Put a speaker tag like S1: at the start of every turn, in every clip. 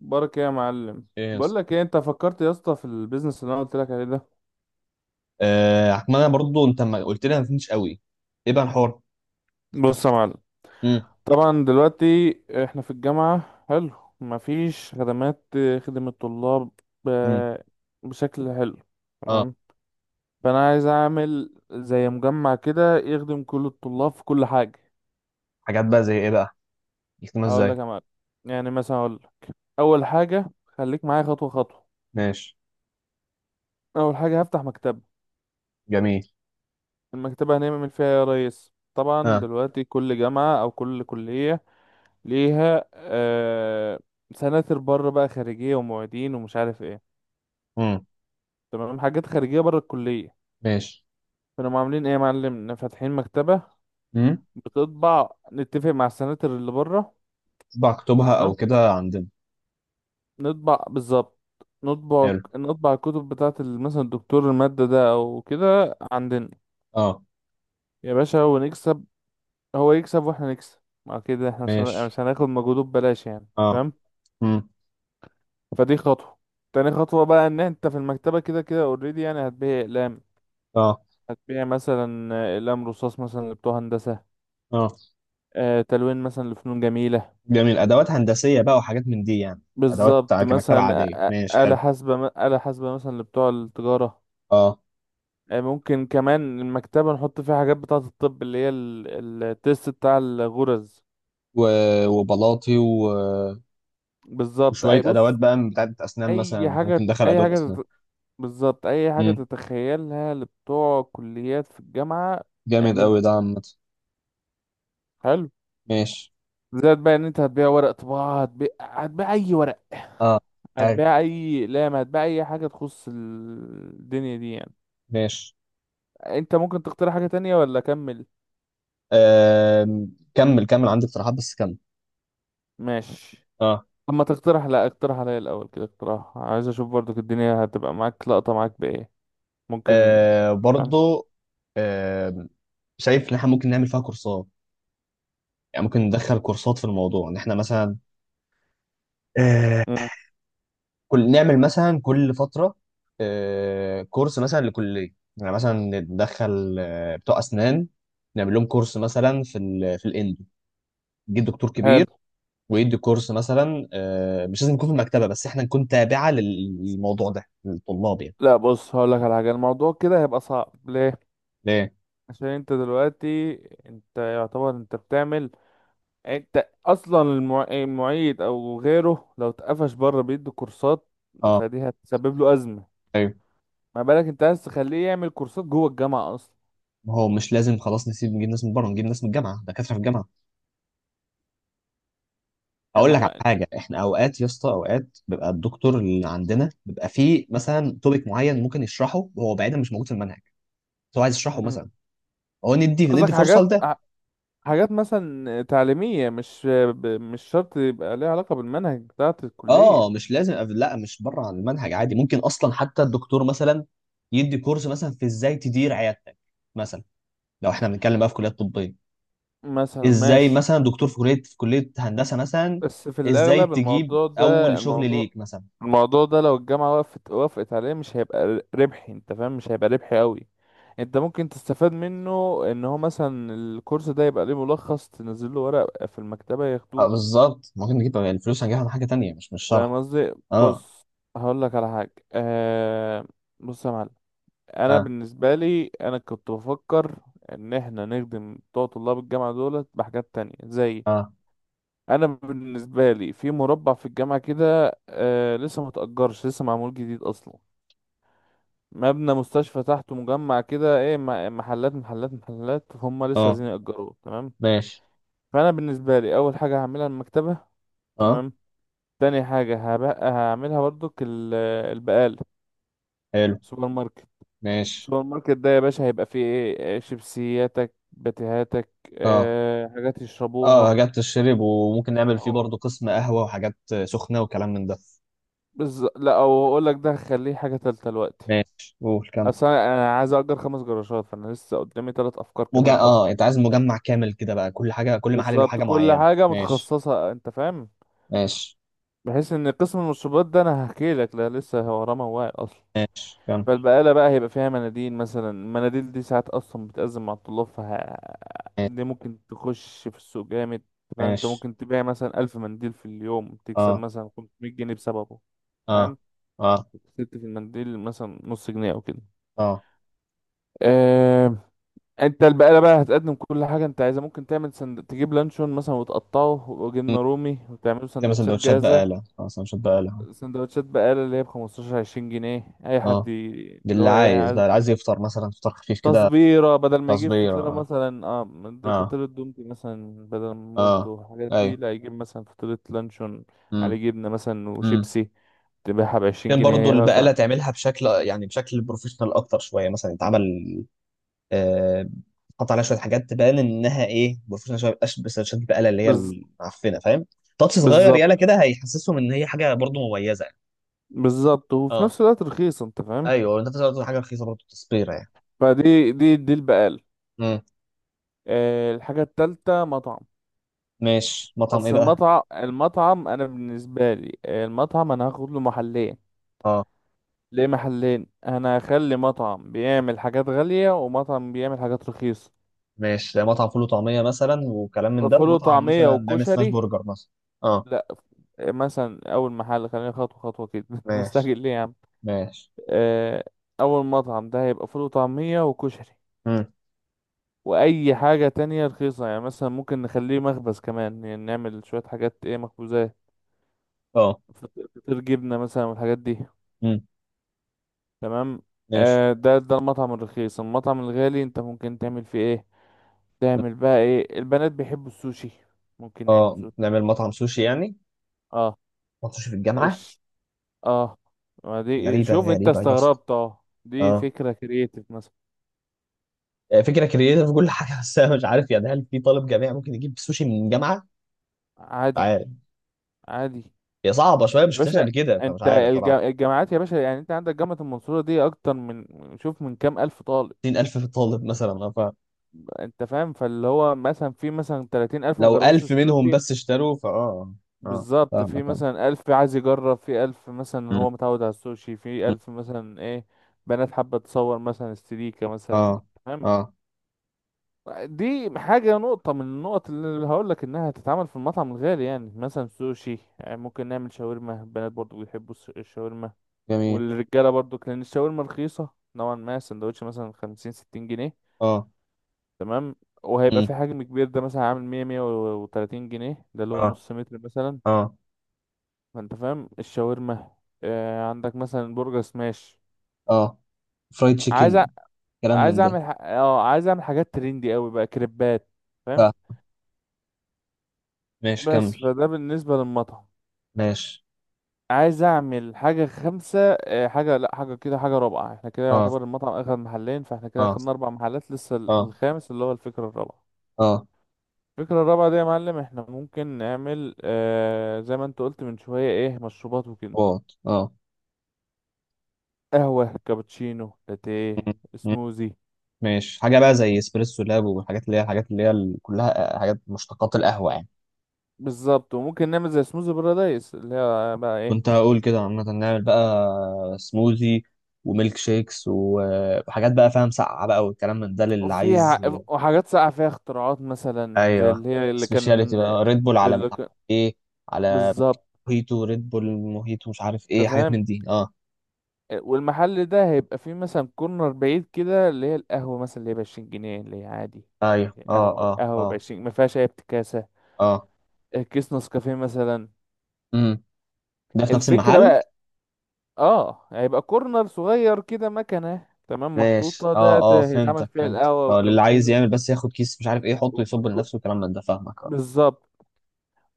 S1: بركة يا معلم.
S2: ايه
S1: بقول
S2: يس.
S1: لك ايه، انت فكرت يا اسطى في البيزنس اللي انا قلت لك عليه ده؟
S2: آه أحمد، انا برضو، انت ما قلت لي، ما فهمتش قوي. ايه بقى الحوار؟
S1: بص يا معلم،
S2: امم
S1: طبعا دلوقتي احنا في الجامعة، حلو، مفيش خدمات خدمة الطلاب
S2: امم
S1: ب- بشكل حلو،
S2: اه
S1: تمام. فانا عايز اعمل زي مجمع كده يخدم كل الطلاب في كل حاجة.
S2: حاجات بقى زي ايه بقى؟ يكتبها
S1: هقول
S2: ازاي؟
S1: لك يا معلم، يعني مثلا اقول لك، اول حاجة خليك معايا خطوة خطوة.
S2: ماشي.
S1: اول حاجة هفتح مكتبة.
S2: جميل.
S1: المكتبة هنعمل فيها إيه يا ريس؟ طبعا
S2: اه.
S1: دلوقتي كل جامعة او كل كلية ليها سناتر بره بقى خارجية ومعيدين ومش عارف ايه،
S2: امم
S1: تمام، حاجات خارجية بره الكلية.
S2: ماشي.
S1: فنقوم عاملين ايه يا معلم، إن فاتحين مكتبة
S2: امم
S1: بتطبع، نتفق مع السناتر اللي بره،
S2: بقى اكتبها او
S1: تمام،
S2: كده عندنا.
S1: نطبع بالظبط، نطبع
S2: حلو.
S1: نطبع الكتب بتاعة مثلا الدكتور المادة ده او كده عندنا
S2: اه.
S1: يا باشا، ونكسب، هو يكسب واحنا نكسب، مع كده احنا مش هن- يعني
S2: ماشي.
S1: مش هناخد مجهوده ببلاش، يعني
S2: اه.
S1: تمام.
S2: امم
S1: فدي خطوة. تاني خطوة بقى، ان انت في المكتبة كده كده اوريدي يعني هتبيع اقلام،
S2: اه.
S1: هتبيع مثلا اقلام رصاص مثلا لبتوع هندسة،
S2: اه.
S1: تلوين مثلا لفنون جميلة،
S2: جميل، ادوات هندسيه بقى وحاجات من دي يعني. ادوات
S1: بالظبط،
S2: كمكتبه
S1: مثلا
S2: عاديه، ماشي
S1: آلة
S2: حلو.
S1: حاسبة، آلة حاسبة مثلا لبتوع التجارة،
S2: اه.
S1: ممكن كمان المكتبة نحط فيها حاجات بتاعة الطب اللي هي التيست بتاع الغرز،
S2: و... وبلاطي.
S1: بالظبط
S2: وشويه
S1: أي
S2: ادوات
S1: بص،
S2: بقى بتاعت اسنان،
S1: أي
S2: مثلا
S1: حاجة
S2: ممكن دخل
S1: أي
S2: ادوات
S1: حاجة
S2: اسنان.
S1: تت- بالظبط أي حاجة
S2: امم
S1: تتخيلها لبتوع كليات في الجامعة،
S2: جامد قوي
S1: اعملها،
S2: ده، عامه.
S1: حلو.
S2: ماشي.
S1: زائد بقى ان انت هتبيع ورق طباعة، هتبيع اي ورق،
S2: اه. حلو.
S1: هتبيع اي اقلام، هتبيع اي حاجة تخص الدنيا دي يعني.
S2: ماشي.
S1: انت ممكن تقترح حاجة تانية ولا اكمل؟
S2: كمل كمل، عندي اقتراحات بس كمل.
S1: ماشي
S2: اه.
S1: لما تقترح، لا اقترح عليا الاول كده اقتراح، عايز اشوف برضك الدنيا هتبقى معاك لقطة معاك بايه. ممكن. فاهم؟
S2: برضو. آم، شايف ان احنا ممكن نعمل فيها كورسات. يعني ممكن ندخل كورسات في الموضوع، ان احنا مثلا، آه،
S1: مم.
S2: كل نعمل مثلا كل فترة، كورس مثلا لكلية، يعني مثلا ندخل بتوع أسنان، نعمل لهم كورس مثلا في الاندو، يجي دكتور كبير
S1: حلو.
S2: ويدي كورس مثلا. مش لازم يكون في المكتبة، بس احنا نكون تابعة للموضوع ده، للطلاب يعني.
S1: لا بص هقول لك على حاجة، الموضوع كده هيبقى صعب. ليه؟
S2: ليه؟
S1: عشان انت دلوقتي، انت يعتبر انت بتعمل، انت اصلا المعيد او غيره لو اتقفش بره بيدي كورسات،
S2: اه.
S1: فدي هتسبب له ازمه،
S2: ايوه.
S1: ما بالك انت عايز تخليه يعمل كورسات جوه الجامعه اصلا.
S2: ما هو مش لازم، خلاص نسيب، نجيب ناس من بره، نجيب ناس من الجامعه، دكاتره في الجامعه.
S1: يعني
S2: اقول
S1: ما
S2: لك على
S1: هو-
S2: حاجه، احنا اوقات يا اسطى، اوقات بيبقى الدكتور اللي عندنا بيبقى فيه مثلا توبيك معين ممكن يشرحه، وهو بعيدا مش موجود في المنهج، بس هو عايز يشرحه
S1: مم.
S2: مثلا. هو ندي
S1: قصدك
S2: ندي فرصه
S1: حاجات
S2: لده.
S1: حاجات مثلا تعليميه مش شرط يبقى ليها علاقه بالمنهج بتاعه الكليه،
S2: اه مش لازم لا، مش بره عن المنهج، عادي ممكن اصلا حتى الدكتور مثلا يدي كورس مثلا في ازاي تدير عيادتك مثلا، لو احنا بنتكلم بقى في كليات طبيه.
S1: مثلا
S2: ازاي
S1: ماشي.
S2: مثلا دكتور في كليه هندسه مثلا،
S1: بس في
S2: ازاي
S1: الأغلب
S2: تجيب
S1: الموضوع
S2: اول
S1: ده،
S2: شغل
S1: الموضوع
S2: ليك مثلا.
S1: الموضوع ده لو الجامعة وقفت وافقت عليه، مش هيبقى ربحي، انت فاهم، مش هيبقى ربحي قوي. انت ممكن تستفاد منه، ان هو مثلا الكورس ده يبقى ليه ملخص تنزل له ورق في المكتبة
S2: اه
S1: ياخدوه.
S2: بالظبط، ممكن نجيب الفلوس هنجيبها من حاجة تانية، مش
S1: فاهم
S2: شرح.
S1: قصدي؟
S2: اه.
S1: بص هقول لك على حاجة، بص يا معلم، انا
S2: اه.
S1: بالنسبة لي انا كنت بفكر ان احنا نخدم بتوع طلاب الجامعة دولت بحاجات تانية زي،
S2: اه.
S1: انا بالنسبه لي في مربع في الجامعه كده، لسه ما تأجرش، لسه معمول جديد اصلا، مبنى مستشفى تحته مجمع كده ايه، محلات محلات محلات هم لسه
S2: اه.
S1: عايزين يأجروه، تمام.
S2: ماشي.
S1: فانا بالنسبه لي اول حاجه هعملها المكتبه،
S2: اه.
S1: تمام. تاني حاجه هبقى هعملها برضك البقاله،
S2: حلو.
S1: سوبر ماركت.
S2: ماشي.
S1: سوبر ماركت ده يا باشا هيبقى فيه ايه؟ شيبسياتك، باتيهاتك،
S2: اه.
S1: حاجات
S2: اه
S1: يشربوها،
S2: حاجات تشرب، وممكن نعمل فيه
S1: أو-
S2: برضه قسم قهوة وحاجات سخنة وكلام من ده.
S1: لا او اقول لك ده هخليه حاجه تالته دلوقتي.
S2: ماشي، قول كمل.
S1: اصل انا أنا عايز اجر خمس جراشات، فانا لسه قدامي ثلاث افكار كمان اصلا.
S2: اه انت عايز مجمع كامل كده بقى، كل حاجة كل محل له
S1: بالظبط
S2: حاجة
S1: كل
S2: معينة،
S1: حاجه
S2: ماشي.
S1: متخصصه انت فاهم،
S2: ماشي
S1: بحيث ان قسم المشروبات ده انا هحكي لك، لا لسه هو رمى واعي اصلا.
S2: كمل.
S1: فالبقاله بقى هيبقى فيها مناديل مثلا، المناديل دي ساعات اصلا بتأزم مع الطلاب
S2: ماشي.
S1: دي ممكن تخش في السوق جامد، أنت فاهم، انت
S2: ماشي.
S1: ممكن تبيع مثلا ألف منديل في اليوم، تكسب
S2: اه.
S1: مثلا 500 جنيه بسببه،
S2: اه.
S1: فاهم،
S2: اه.
S1: كسبت في المنديل مثلا نص جنيه او كده.
S2: اه.
S1: آه، انت البقالة بقى هتقدم كل حاجة انت عايزها، ممكن تعمل تجيب لانشون مثلا وتقطعه
S2: م.
S1: وجبنة رومي وتعمله
S2: تعمل
S1: سندوتشات
S2: سندوتشات
S1: جاهزة،
S2: بقالة، اه سندوتشات بقالة.
S1: سندوتشات بقالة اللي هي بخمستاشر عشرين جنيه، اي حد
S2: اه ده
S1: اللي
S2: اللي
S1: هو ايه
S2: عايز بقى،
S1: عايز،
S2: اللي عايز يفطر مثلا فطار خفيف كده.
S1: تصبيرة، بدل ما يجيب
S2: تصبير
S1: فطيرة
S2: اه.
S1: مثلا، اه
S2: اه.
S1: فطيرة دومتي مثلا بدل
S2: اه.
S1: مولتو الحاجات دي،
S2: ايوه.
S1: لا يجيب مثلا فطيرة لانشون
S2: امم
S1: على جبنة مثلا
S2: امم
S1: وشيبسي، تبيعها بعشرين
S2: كان برضو
S1: جنيه، هي بقى
S2: البقالة تعملها بشكل، يعني بشكل بروفيشنال اكتر شويه، مثلا يتعمل آه حط عليها شويه حاجات تبان انها ايه بروفيشنال شويه، مبقاش بس شد البقاله اللي هي
S1: بز...
S2: المعفنه، فاهم. تاتش صغير
S1: بالظبط،
S2: يالا كده، هيحسسهم ان هي حاجه برضو مميزه يعني.
S1: بالظبط وفي
S2: اه
S1: نفس الوقت رخيصة، انت فاهم.
S2: ايوه، انت بتقول حاجه رخيصه برضو تصبيره يعني.
S1: فدي دي دي البقالة.
S2: امم
S1: الحاجة التالتة مطعم.
S2: ماشي، مطعم ايه
S1: بس
S2: بقى؟
S1: المطعم أنا بالنسبة لي، المطعم أنا هاخد له محلين.
S2: اه
S1: ليه محلين؟ أنا هخلي مطعم بيعمل حاجات غالية ومطعم بيعمل حاجات رخيصة.
S2: ماشي، مطعم فول وطعميه مثلا وكلام من ده،
S1: فول
S2: ومطعم
S1: وطعمية
S2: مثلا بيعمل سماش
S1: وكشري،
S2: برجر مثلا. اه.
S1: لا، مثلا أول محل خلينا خطوة خطوة كده أنت
S2: ماشي.
S1: مستعجل ليه يا عم؟
S2: ماشي.
S1: آه، أول مطعم ده هيبقى فول وطعمية وكشري،
S2: مم.
S1: وأي حاجة تانية رخيصة يعني، مثلا ممكن نخليه مخبز كمان يعني، نعمل شوية حاجات إيه، مخبوزات،
S2: اه.
S1: فطير جبنة مثلا والحاجات دي،
S2: امم
S1: تمام.
S2: ماشي.
S1: ده المطعم الرخيص. المطعم الغالي انت ممكن تعمل فيه ايه؟ تعمل بقى ايه، البنات بيحبوا السوشي، ممكن نعمل
S2: اه
S1: سوشي.
S2: نعمل مطعم سوشي يعني.
S1: اه.
S2: مطعم سوشي في الجامعه؟
S1: ايش. اه. ما دي،
S2: غريبه
S1: شوف انت
S2: غريبه يا اسطى.
S1: استغربت، اه دي
S2: اه.
S1: فكرة كرييتيف مثلا.
S2: فكره كرييتيف كل حاجه، بس انا مش عارف يعني، هل في طالب جامعي ممكن يجيب سوشي من الجامعه؟ مش
S1: عادي،
S2: عارف.
S1: عادي،
S2: هي صعبه شويه، مش
S1: يا
S2: شفتهاش
S1: باشا
S2: قبل كده فمش
S1: انت
S2: عارف صراحه.
S1: الجامعات يا باشا يعني، انت عندك جامعة المنصورة دي اكتر من، شوف من كام الف طالب،
S2: 60,000 في الطالب مثلا،
S1: انت فاهم، فاللي هو مثلا في مثلا 30,000 الف
S2: لو
S1: مجربوش
S2: 1000 منهم
S1: السوشي،
S2: بس اشتروا فاه اه.
S1: بالظبط، في
S2: فاهمك انا.
S1: مثلا ألف عايز يجرب، في ألف مثلا
S2: مم.
S1: هو متعود على السوشي، في
S2: مم.
S1: ألف مثلا إيه، بنات حابة تصور مثلا استريكة مثلا،
S2: اه.
S1: تمام.
S2: اه.
S1: دي حاجة، نقطة من النقط اللي هقولك إنها هتتعمل في المطعم الغالي يعني، مثلا سوشي، يعني ممكن نعمل شاورما، البنات برضو بيحبوا الشاورما،
S2: جميل.
S1: والرجالة برضو لأن الشاورما رخيصة نوعا ما، سندوتش مثلا خمسين ستين جنيه،
S2: اه.
S1: تمام. وهيبقى
S2: مم.
S1: في حجم كبير، ده مثلا عامل مية مية وتلاتين جنيه، ده له
S2: اه.
S1: نص متر مثلا،
S2: اه.
S1: ما انت فاهم الشاورما. عندك مثلا برجر سماش،
S2: اه. فرايد
S1: عايز
S2: تشيكن. كلام من
S1: عايز
S2: ده.
S1: اعمل ح... اه عايز اعمل حاجات ترندي قوي بقى، كريبات، فاهم.
S2: ف ماشي
S1: بس
S2: كمل.
S1: فده بالنسبه للمطعم.
S2: ماشي.
S1: عايز اعمل حاجه خمسه آه حاجه لا حاجه كده حاجه رابعه، احنا كده
S2: اه.
S1: يعتبر المطعم اخد محلين، فاحنا كده
S2: اه.
S1: اخدنا اربع محلات، لسه
S2: اه.
S1: الخامس اللي هو الفكره الرابعه.
S2: اه.
S1: الفكره الرابعه دي يا معلم احنا ممكن نعمل زي ما انت قلت من شويه ايه، مشروبات وكده،
S2: واط اه.
S1: قهوه، كابتشينو، لاتيه،
S2: مم. مم.
S1: سموزي.
S2: ماشي، حاجه بقى زي اسبريسو لاب، والحاجات اللي هي، الحاجات اللي هي كلها حاجات مشتقات القهوه يعني.
S1: بالظبط، وممكن نعمل زي سموزي بارادايس اللي هي بقى
S2: كنت
S1: ايه
S2: هقول كده، عامه نعمل بقى سموذي وميلك شيكس وحاجات بقى فاهم ساقعه بقى، والكلام من ده للي
S1: فيها،
S2: عايز
S1: وحاجات ساقعة فيها اختراعات مثلا زي
S2: ايوه،
S1: اللي هي اللي
S2: سبيشاليتي
S1: كان
S2: بقى ريد بول، على مش
S1: اللي
S2: عارف
S1: كان
S2: ايه، على
S1: بالظبط،
S2: موهيتو ريد بول موهيتو مش عارف ايه،
S1: انت
S2: حاجات
S1: فاهم.
S2: من دي اه.
S1: والمحل ده هيبقى فيه مثلا كورنر بعيد كده اللي هي القهوة مثلا، اللي هي بعشرين جنيه، اللي هي عادي،
S2: ايوه. اه.
S1: قهوة
S2: اه.
S1: قهوة
S2: اه.
S1: بعشرين ما فيهاش أي افتكاسة،
S2: اه.
S1: كيس نسكافيه مثلا.
S2: امم ده في نفس
S1: الفكرة
S2: المحل.
S1: بقى، اه هيبقى كورنر صغير كده، مكنة تمام
S2: ماشي.
S1: محطوطة ده
S2: اه. اه
S1: هيتعمل
S2: فهمتك
S1: فيها
S2: فهمتك
S1: القهوة
S2: اه، اللي عايز
S1: والكابتشينو.
S2: يعمل بس ياخد كيس مش عارف ايه، يحطه يصب
S1: والك- والك-
S2: لنفسه والكلام من ده، فاهمك اه.
S1: بالظبط.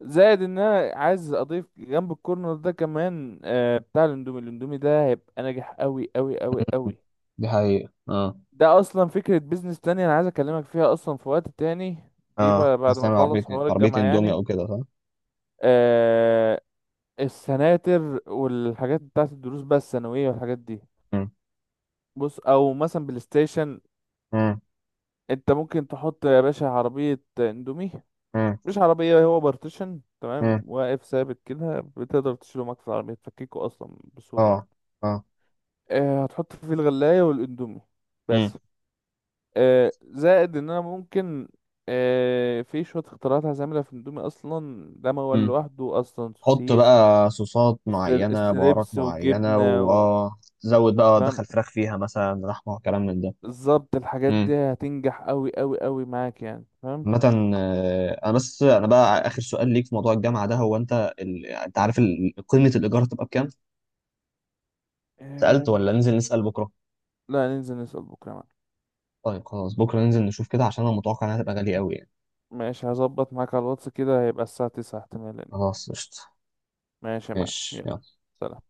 S1: زائد ان انا عايز اضيف جنب الكورنر ده كمان بتاع الاندومي، الاندومي ده هيبقى ناجح قوي قوي قوي قوي.
S2: دي حقيقة اه.
S1: ده اصلا فكرة بيزنس تانية انا عايز اكلمك فيها اصلا في وقت تاني، دي
S2: اه،
S1: بقى بعد ما
S2: هستعمل عربية
S1: اخلص حوار
S2: عربية
S1: الجامعة
S2: اندومي
S1: يعني،
S2: او كده صح؟
S1: آه السناتر والحاجات بتاعت الدروس بقى الثانوية والحاجات دي.
S2: مم.
S1: بص او مثلا بلاي ستيشن،
S2: مم.
S1: انت ممكن تحط يا باشا عربية اندومي،
S2: مم.
S1: مش عربية، هو بارتيشن تمام
S2: مم.
S1: واقف ثابت كده، بتقدر تشيله معاك في العربية تفككه اصلا بسهولة.
S2: اه. اه.
S1: هتحط فيه الغلاية والاندومي
S2: مم.
S1: بس. آه، زائد ان انا ممكن آه، في شوية اختراعات هعملها في الاندومي اصلا، ده موال
S2: مم.
S1: لوحده اصلا،
S2: حط
S1: سوسيس
S2: بقى صوصات معينة بهارات
S1: ستريبس
S2: معينة،
S1: وجبنة
S2: واه زود بقى
S1: فاهم،
S2: دخل فراخ فيها مثلا لحمة وكلام من ده.
S1: بالظبط الحاجات
S2: مم.
S1: دي هتنجح قوي قوي قوي معاك يعني، فاهم.
S2: عامة، انا بقى اخر سؤال ليك في موضوع الجامعة ده. هو انت انت عارف قيمة الايجار هتبقى بكام؟ سألت
S1: آه،
S2: ولا ننزل نسأل بكرة؟
S1: لا ننزل نسأل بكرة معاك.
S2: طيب خلاص، بكرة ننزل نشوف كده، عشان انا متوقع انها تبقى غالية قوي يعني.
S1: ماشي هظبط معاك على الواتس كده، هيبقى الساعة تسعة احتمالا يعني.
S2: خلاص قشطة.
S1: ماشي يا معلم،
S2: ماشي
S1: يلا
S2: يلا.
S1: سلام.